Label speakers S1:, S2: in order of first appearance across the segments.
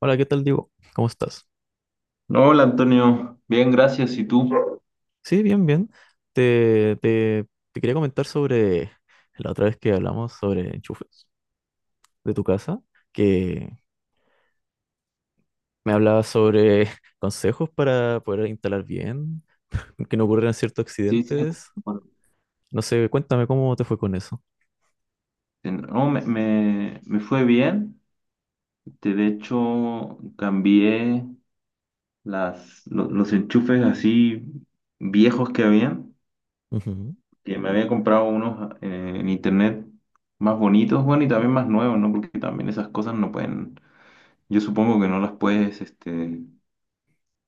S1: Hola, ¿qué tal, Diego? ¿Cómo estás?
S2: No, hola Antonio, bien, gracias. ¿Y tú?
S1: Sí, bien, bien. Te, te, te quería comentar sobre la otra vez que hablamos sobre enchufes de tu casa, que me hablabas sobre consejos para poder instalar bien, que no ocurrieran ciertos
S2: Sí, sí.
S1: accidentes.
S2: Bueno,
S1: No sé, cuéntame cómo te fue con eso.
S2: no, me fue bien. De hecho, cambié los enchufes así viejos que habían,
S1: Ujú.
S2: que me había comprado unos en internet más bonitos, bueno, y también más nuevos, ¿no? Porque también esas cosas no pueden, yo supongo que no las puedes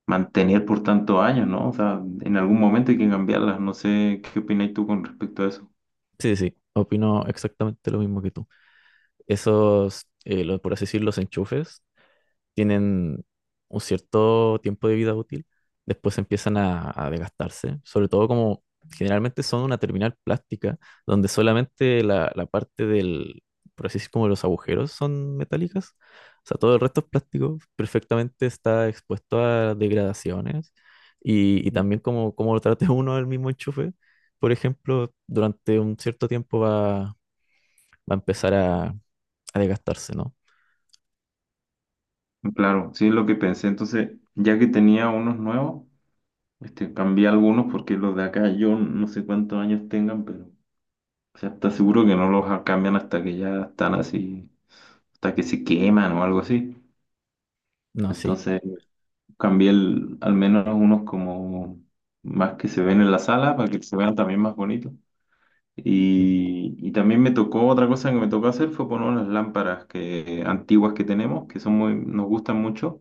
S2: mantener por tantos años, ¿no? O sea, en algún momento hay que cambiarlas. No sé qué opinas tú con respecto a eso.
S1: Sí, sí, sí. Opino exactamente lo mismo que tú. Esos, los, por así decir, los enchufes tienen un cierto tiempo de vida útil. Después empiezan a desgastarse, sobre todo como generalmente son una terminal plástica, donde solamente la, la parte del, por así decir, como los agujeros son metálicas, o sea, todo el resto es plástico, perfectamente está expuesto a degradaciones, y también como, como lo trate uno el mismo enchufe, por ejemplo, durante un cierto tiempo va a empezar a desgastarse, ¿no?
S2: Claro, sí es lo que pensé. Entonces, ya que tenía unos nuevos, cambié algunos porque los de acá yo no sé cuántos años tengan, pero o sea, está seguro que no los cambian hasta que ya están así, hasta que se queman o algo así.
S1: No, sí.
S2: Entonces, cambié al menos unos como más que se ven en la sala para que se vean también más bonitos.
S1: Mm,
S2: Y también me tocó, otra cosa que me tocó hacer fue poner unas lámparas que, antiguas que tenemos, que son muy, nos gustan mucho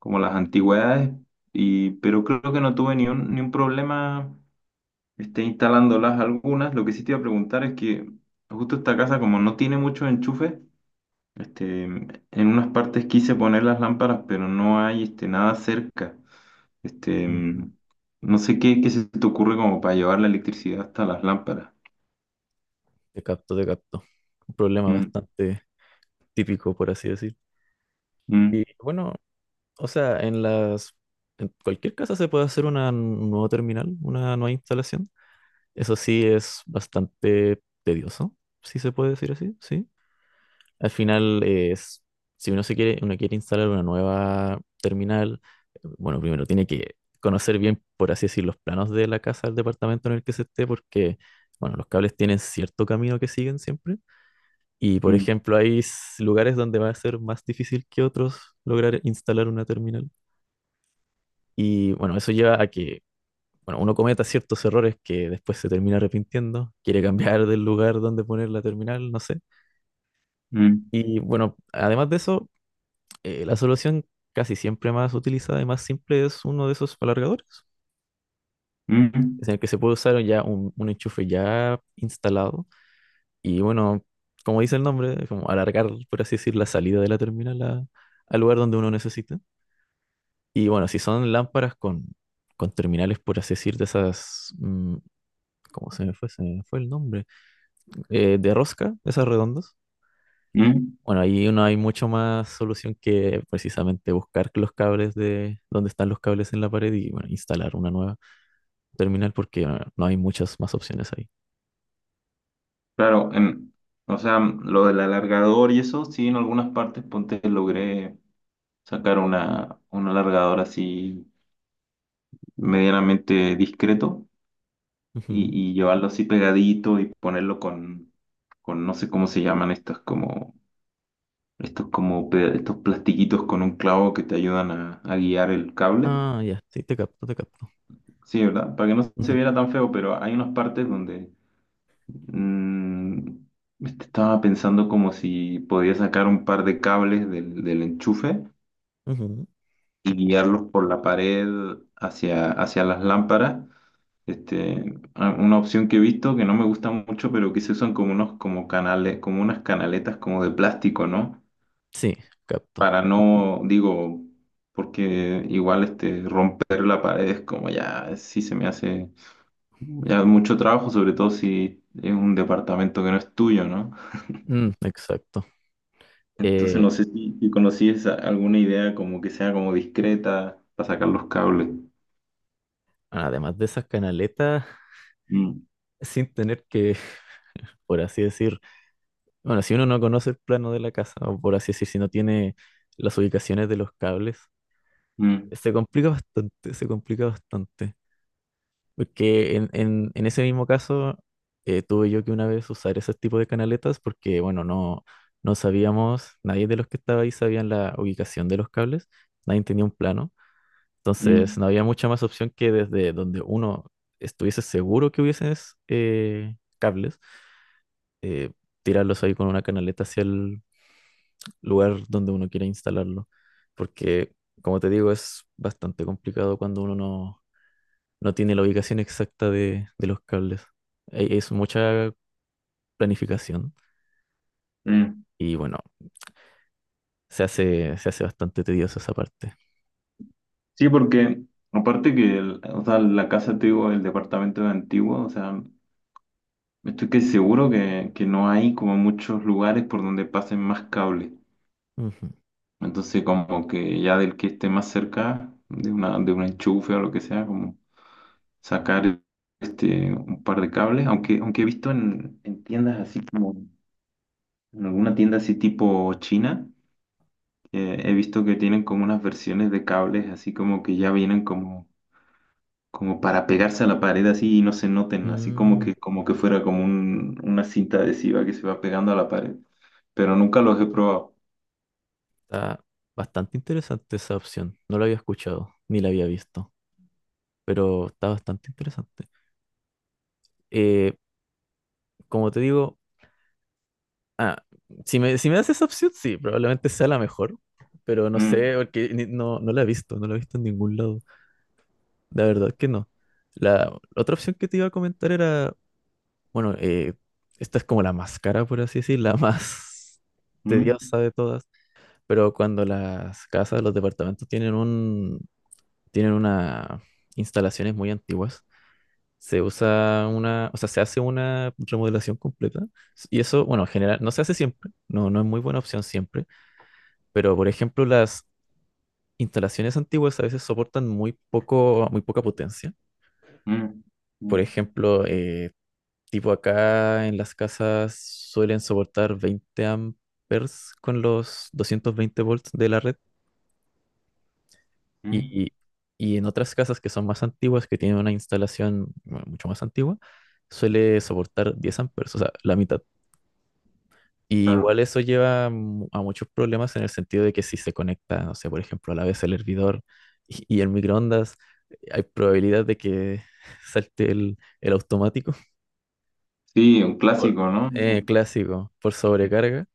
S2: como las antigüedades, y, pero creo que no tuve ni un problema instalándolas algunas. Lo que sí te iba a preguntar es que justo esta casa, como no tiene muchos enchufes, en unas partes quise poner las lámparas, pero no hay nada cerca. Este,
S1: mm.
S2: mm, no sé qué se te ocurre como para llevar la electricidad hasta las lámparas.
S1: Te capto, te capto. Un problema
S2: Mm,
S1: bastante típico, por así decir.
S2: mm,
S1: Y bueno, o sea, en cualquier casa se puede hacer una nueva terminal, una nueva instalación. Eso sí es bastante tedioso, si se puede decir así, sí. Al final es, si uno se quiere, uno quiere instalar una nueva terminal, bueno, primero tiene que conocer bien, por así decir, los planos de la casa, del departamento en el que se esté, porque, bueno, los cables tienen cierto camino que siguen siempre. Y por
S2: mm,
S1: ejemplo, hay s- lugares donde va a ser más difícil que otros lograr instalar una terminal. Y bueno, eso lleva a que, bueno, uno cometa ciertos errores que después se termina arrepintiendo, quiere cambiar del lugar donde poner la terminal, no sé.
S2: mm,
S1: Y bueno, además de eso, la solución casi siempre más utilizada y más simple es uno de esos alargadores, es
S2: mm,
S1: en el que se puede usar ya un enchufe ya instalado. Y bueno, como dice el nombre, como alargar, por así decir, la salida de la terminal a- al lugar donde uno necesita. Y bueno, si son lámparas con terminales, por así decir, de esas, ¿cómo se me fue? Se me fue el nombre. De rosca, esas redondas.
S2: mm.
S1: Bueno, ahí no hay mucho más solución que precisamente buscar los cables de donde están los cables en la pared y bueno, instalar una nueva terminal porque bueno, no hay muchas más opciones ahí.
S2: Claro, o sea, lo del alargador y eso, sí, en algunas partes ponte logré sacar un alargador así medianamente discreto
S1: Ujú.
S2: y llevarlo así pegadito y ponerlo con no sé cómo se llaman estas como estos plastiquitos con un clavo que te ayudan a guiar el cable.
S1: Ah, ya, sí, te capto, te capto.
S2: Sí, ¿verdad? Para que no se
S1: Ujú,
S2: viera tan feo, pero hay unas partes donde mm, estaba pensando como si podía sacar un par de cables del enchufe
S1: ujú.
S2: y guiarlos por la pared hacia las lámparas. Una opción que he visto que no me gusta mucho, pero que se usan como unos como canales, como unas canaletas como de plástico, ¿no?
S1: Sí, capto.
S2: Para no, digo, porque igual romper la pared es como ya sí se me hace ya mucho trabajo, sobre todo si es un departamento que no es tuyo, ¿no?
S1: Mm, exacto.
S2: Entonces
S1: Eh,
S2: no sé si conocías alguna idea como que sea como discreta para sacar los cables.
S1: además de esas canaletas,
S2: Mm,
S1: sin tener que, por así decir, bueno, si uno no conoce el plano de la casa, o por así decir, si no tiene las ubicaciones de los cables,
S2: mm,
S1: se complica bastante, se complica bastante. Porque en ese mismo caso, tuve yo que una vez usar ese tipo de canaletas porque, bueno, no, no sabíamos, nadie de los que estaba ahí sabían la ubicación de los cables, nadie tenía un plano. Entonces,
S2: mm,
S1: no había mucha más opción que desde donde uno estuviese seguro que hubiesen cables, eh, tirarlos ahí con una canaleta hacia el lugar donde uno quiera instalarlo, porque como te digo, es bastante complicado cuando uno no, no tiene la ubicación exacta de los cables. E- es mucha planificación
S2: mm. mm.
S1: y bueno, se hace bastante tediosa esa parte.
S2: Sí, porque aparte que o sea, la casa antigua, el departamento antiguo, o sea, estoy que seguro que no hay como muchos lugares por donde pasen más cables.
S1: Ujú.
S2: Entonces, como que ya del que esté más cerca de una, de un enchufe o lo que sea, como sacar un par de cables, aunque, aunque he visto en tiendas así como, en alguna tienda así tipo China, he visto que tienen como unas versiones de cables así como que ya vienen como para pegarse a la pared así y no se noten, así como
S1: Mm,
S2: como que fuera como una cinta adhesiva que se va pegando a la pared, pero nunca los he probado.
S1: está bastante interesante esa opción. No la había escuchado ni la había visto, pero está bastante interesante. Eh, como te digo, ah, si me, si me das esa opción, sí, probablemente sea la mejor, pero no
S2: Mm,
S1: sé, porque ni- no, no la he visto, no la he visto en ningún lado. La verdad que no. La otra opción que te iba a comentar era, bueno, esta es como la más cara, por así decir, la más
S2: mm,
S1: tediosa de todas, pero cuando las casas, los departamentos tienen una instalaciones muy antiguas, se usa una, o sea, se hace una remodelación completa y eso, bueno, en general, no se hace siempre, no, no es muy buena opción siempre. Pero, por ejemplo, las instalaciones antiguas a veces soportan muy poco, muy poca potencia.
S2: mm, mm,
S1: Por ejemplo, tipo acá en las casas suelen soportar 20 amperes con los 220 volts de la red.
S2: mm,
S1: Y, y en otras casas que son más antiguas, que tienen una instalación bueno, mucho más antigua, suele soportar 10 amperes, o sea, la mitad. Y igual
S2: claro.
S1: eso lleva mu- a muchos problemas en el sentido de que si se conecta, no sé, por ejemplo, a la vez el hervidor y el microondas, hay probabilidad de que salte el automático
S2: Sí, un
S1: por
S2: clásico, ¿no? Sí.
S1: clásico, por sobrecarga.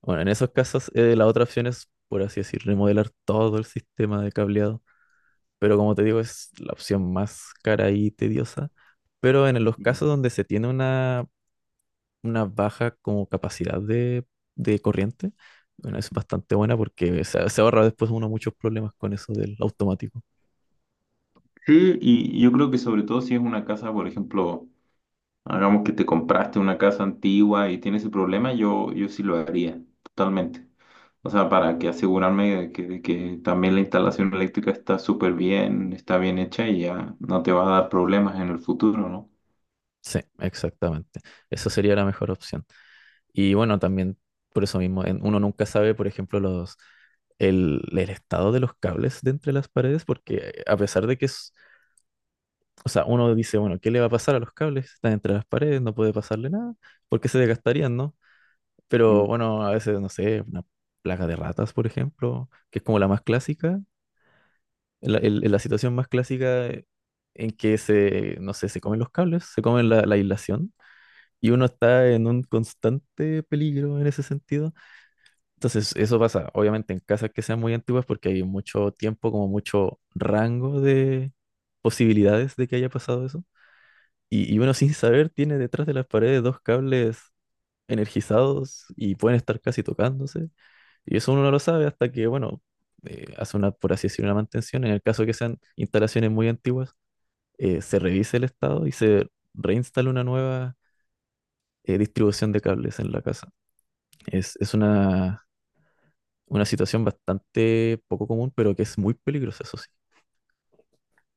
S1: Bueno, en esos casos la otra opción es, por así decir, remodelar todo el sistema de cableado. Pero como te digo, es la opción más cara y tediosa. Pero en los
S2: Mm.
S1: casos donde se tiene una baja como capacidad de corriente. Bueno, es bastante buena porque se ahorra después uno muchos problemas con eso del automático.
S2: Sí, y yo creo que sobre todo si es una casa, por ejemplo, hagamos que te compraste una casa antigua y tienes ese problema, yo sí lo haría, totalmente. O sea, para que asegurarme de de que también la instalación eléctrica está súper bien, está bien hecha y ya no te va a dar problemas en el futuro, ¿no?
S1: Sí, exactamente. Esa sería la mejor opción. Y bueno, también por eso mismo, en- uno nunca sabe, por ejemplo, los, el estado de los cables de entre las paredes, porque a pesar de que es, o sea, uno dice, bueno, ¿qué le va a pasar a los cables? Están entre las paredes, no puede pasarle nada, porque se desgastarían, ¿no?
S2: Mm.
S1: Pero bueno, a veces, no sé, una plaga de ratas, por ejemplo, que es como la más clásica, la, el- la situación más clásica en que se, no sé, se comen los cables, se comen la, la aislación y uno está en un constante peligro en ese sentido. Entonces, eso pasa, obviamente, en casas que sean muy antiguas porque hay mucho tiempo, como mucho rango de posibilidades de que haya pasado eso. Y uno sin saber tiene detrás de las paredes dos cables energizados y pueden estar casi tocándose. Y eso uno no lo sabe hasta que, bueno, hace una, por así decir, una mantención. En el caso que sean instalaciones muy antiguas, se revise el estado y se reinstala una nueva distribución de cables en la casa. Es una situación bastante poco común, pero que es muy peligrosa, eso sí.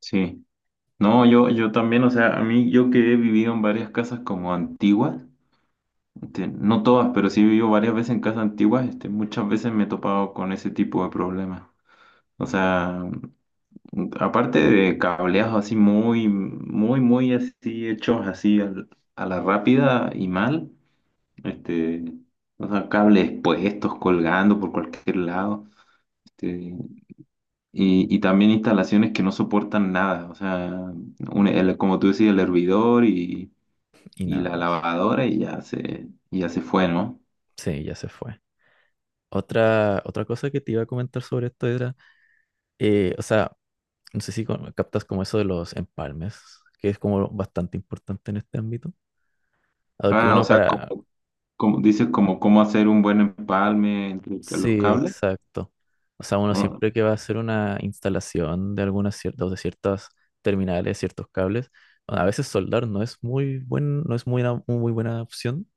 S2: Sí. No, yo también, o sea, a mí, yo que he vivido en varias casas como antiguas, no todas, pero sí he vivido varias veces en casas antiguas, muchas veces me he topado con ese tipo de problemas. O sea, aparte de cableados así muy, muy, muy así hechos así a la rápida y mal, este, o sea, cables puestos, colgando por cualquier lado, este, y también instalaciones que no soportan nada, o sea, como tú decías, el hervidor
S1: Y
S2: y
S1: nada
S2: la
S1: más.
S2: lavadora y ya y ya se fue, ¿no?
S1: Sí, ya se fue. Otra, otra cosa que te iba a comentar sobre esto era, o sea, no sé si con- captas como eso de los empalmes, que es como bastante importante en este ámbito. Dado que
S2: Ah, o
S1: uno
S2: sea,
S1: para...
S2: como dices, como cómo hacer un buen empalme entre los
S1: Sí,
S2: cables.
S1: exacto. O sea, uno
S2: ¿No?
S1: siempre que va a hacer una instalación de algunas ciertas, de ciertas terminales, ciertos cables, a veces soldar no es muy buen, no es muy una muy buena opción.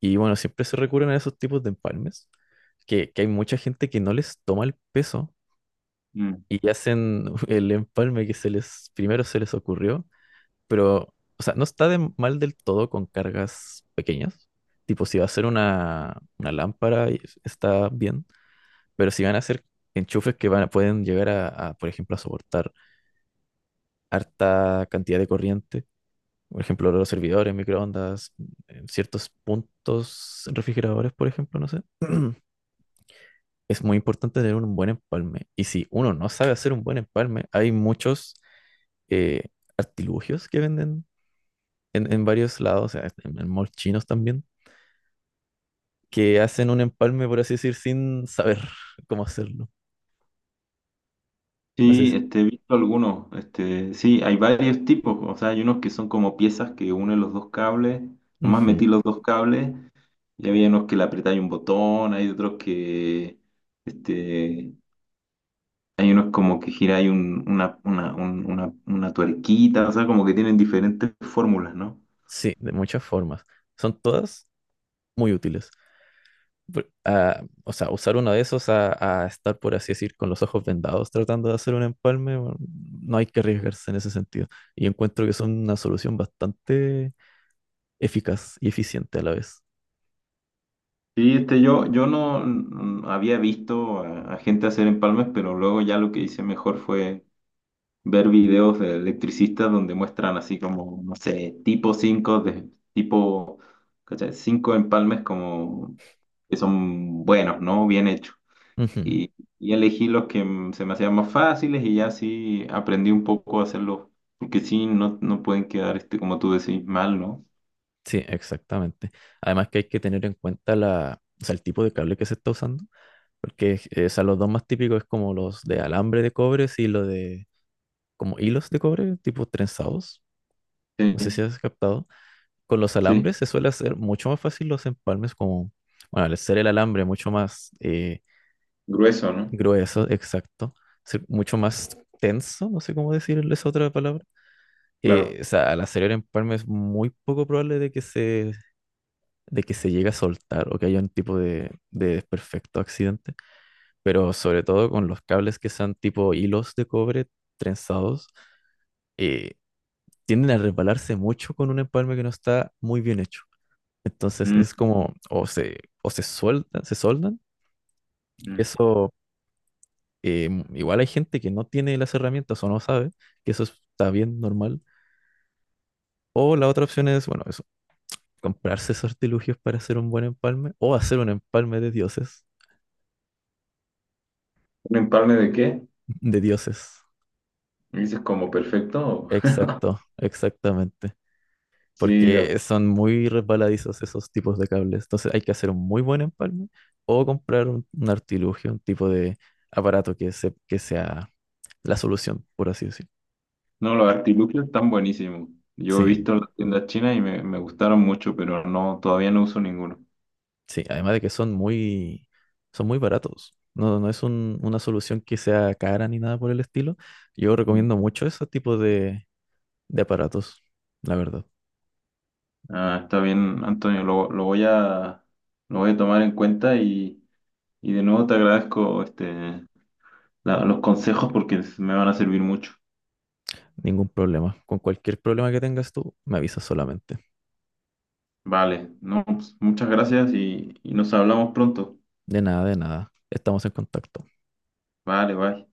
S1: Y bueno, siempre se recurren a esos tipos de empalmes, que hay mucha gente que no les toma el peso
S2: Mm.
S1: y hacen el empalme que se les, primero se les ocurrió pero, o sea, no está de mal del todo con cargas pequeñas. Tipo, si va a ser una lámpara, y es- está bien, pero si van a ser enchufes que van, a- pueden llegar a, por ejemplo, a soportar harta cantidad de corriente, por ejemplo, los servidores, microondas, en ciertos puntos, refrigeradores, por ejemplo, no sé. Es muy importante tener un buen empalme. Y si uno no sabe hacer un buen empalme, hay muchos eh, artilugios que venden en varios lados, o sea, en malls chinos también, que hacen un empalme, por así decir, sin saber cómo hacerlo. No sé si-
S2: Sí, he visto algunos. Sí, hay varios tipos. O sea, hay unos que son como piezas que unen los dos cables. Nomás
S1: Ujú.
S2: metí los dos cables. Y había unos que le apretáis un botón. Hay otros que. Este, Hay unos como que giráis una tuerquita. O sea, como que tienen diferentes fórmulas, ¿no?
S1: Sí, de muchas formas. Son todas muy útiles. Por- ah, o sea, usar uno de esos a estar, por así decir, con los ojos vendados tratando de hacer un empalme, bueno, no hay que arriesgarse en ese sentido. Y encuentro que son una solución bastante eficaz y eficiente a la vez.
S2: Sí, yo, yo no había visto a gente hacer empalmes, pero luego ya lo que hice mejor fue ver videos de electricistas donde muestran así como, no sé, tipo ¿cachai? Cinco empalmes como que son buenos, ¿no? Bien hechos.
S1: Ujú.
S2: Y, y elegí los que se me hacían más fáciles y ya así aprendí un poco a hacerlos, porque sí, no, no pueden quedar, como tú decís, mal, ¿no?
S1: Sí, exactamente. Además que hay que tener en cuenta la, o sea, el tipo de cable que se está usando, porque o sea, los dos más típicos es como los de alambre de cobre y los de como hilos de cobre, tipo trenzados. No sé
S2: Sí,
S1: si has captado. Con los
S2: sí,
S1: alambres se suele hacer mucho más fácil los empalmes, como, bueno, al ser el alambre mucho más
S2: grueso, ¿no?
S1: grueso, exacto, ser mucho más tenso, no sé cómo decir esa otra palabra.
S2: Claro.
S1: O sea, al hacer el empalme es muy poco probable de que se llegue a soltar o que haya un tipo de desperfecto accidente, pero sobre todo con los cables que sean tipo hilos de cobre trenzados, eh, tienden a resbalarse mucho con un empalme que no está muy bien hecho. Entonces
S2: Mm,
S1: es como, o se sueltan, se soldan, que
S2: mm.
S1: eso, igual hay gente que no tiene las herramientas o no sabe, que eso está bien normal. O la otra opción es, bueno, eso, comprarse esos artilugios para hacer un buen empalme o hacer un empalme de dioses,
S2: ¿Un empalme de qué?
S1: de dioses.
S2: ¿Dices como perfecto?
S1: Exacto, exactamente.
S2: Sí, de
S1: Porque son muy resbaladizos esos tipos de cables. Entonces hay que hacer un muy buen empalme o comprar un artilugio, un tipo de aparato que, se, que sea la solución, por así decir.
S2: no, los artilugios están buenísimos. Yo he
S1: Sí,
S2: visto las tiendas chinas y me gustaron mucho, pero no, todavía no uso ninguno.
S1: sí. Además de que son muy baratos. No, no es un- una solución que sea cara ni nada por el estilo. Yo
S2: Mm.
S1: recomiendo mucho ese tipo de aparatos, la verdad.
S2: Ah, está bien, Antonio, lo voy a tomar en cuenta y de nuevo te agradezco los consejos porque me van a servir mucho.
S1: Ningún problema. Con cualquier problema que tengas tú, me avisas solamente.
S2: Vale, no, pues, muchas gracias y nos hablamos pronto.
S1: De nada, de nada. Estamos en contacto.
S2: Vale, bye.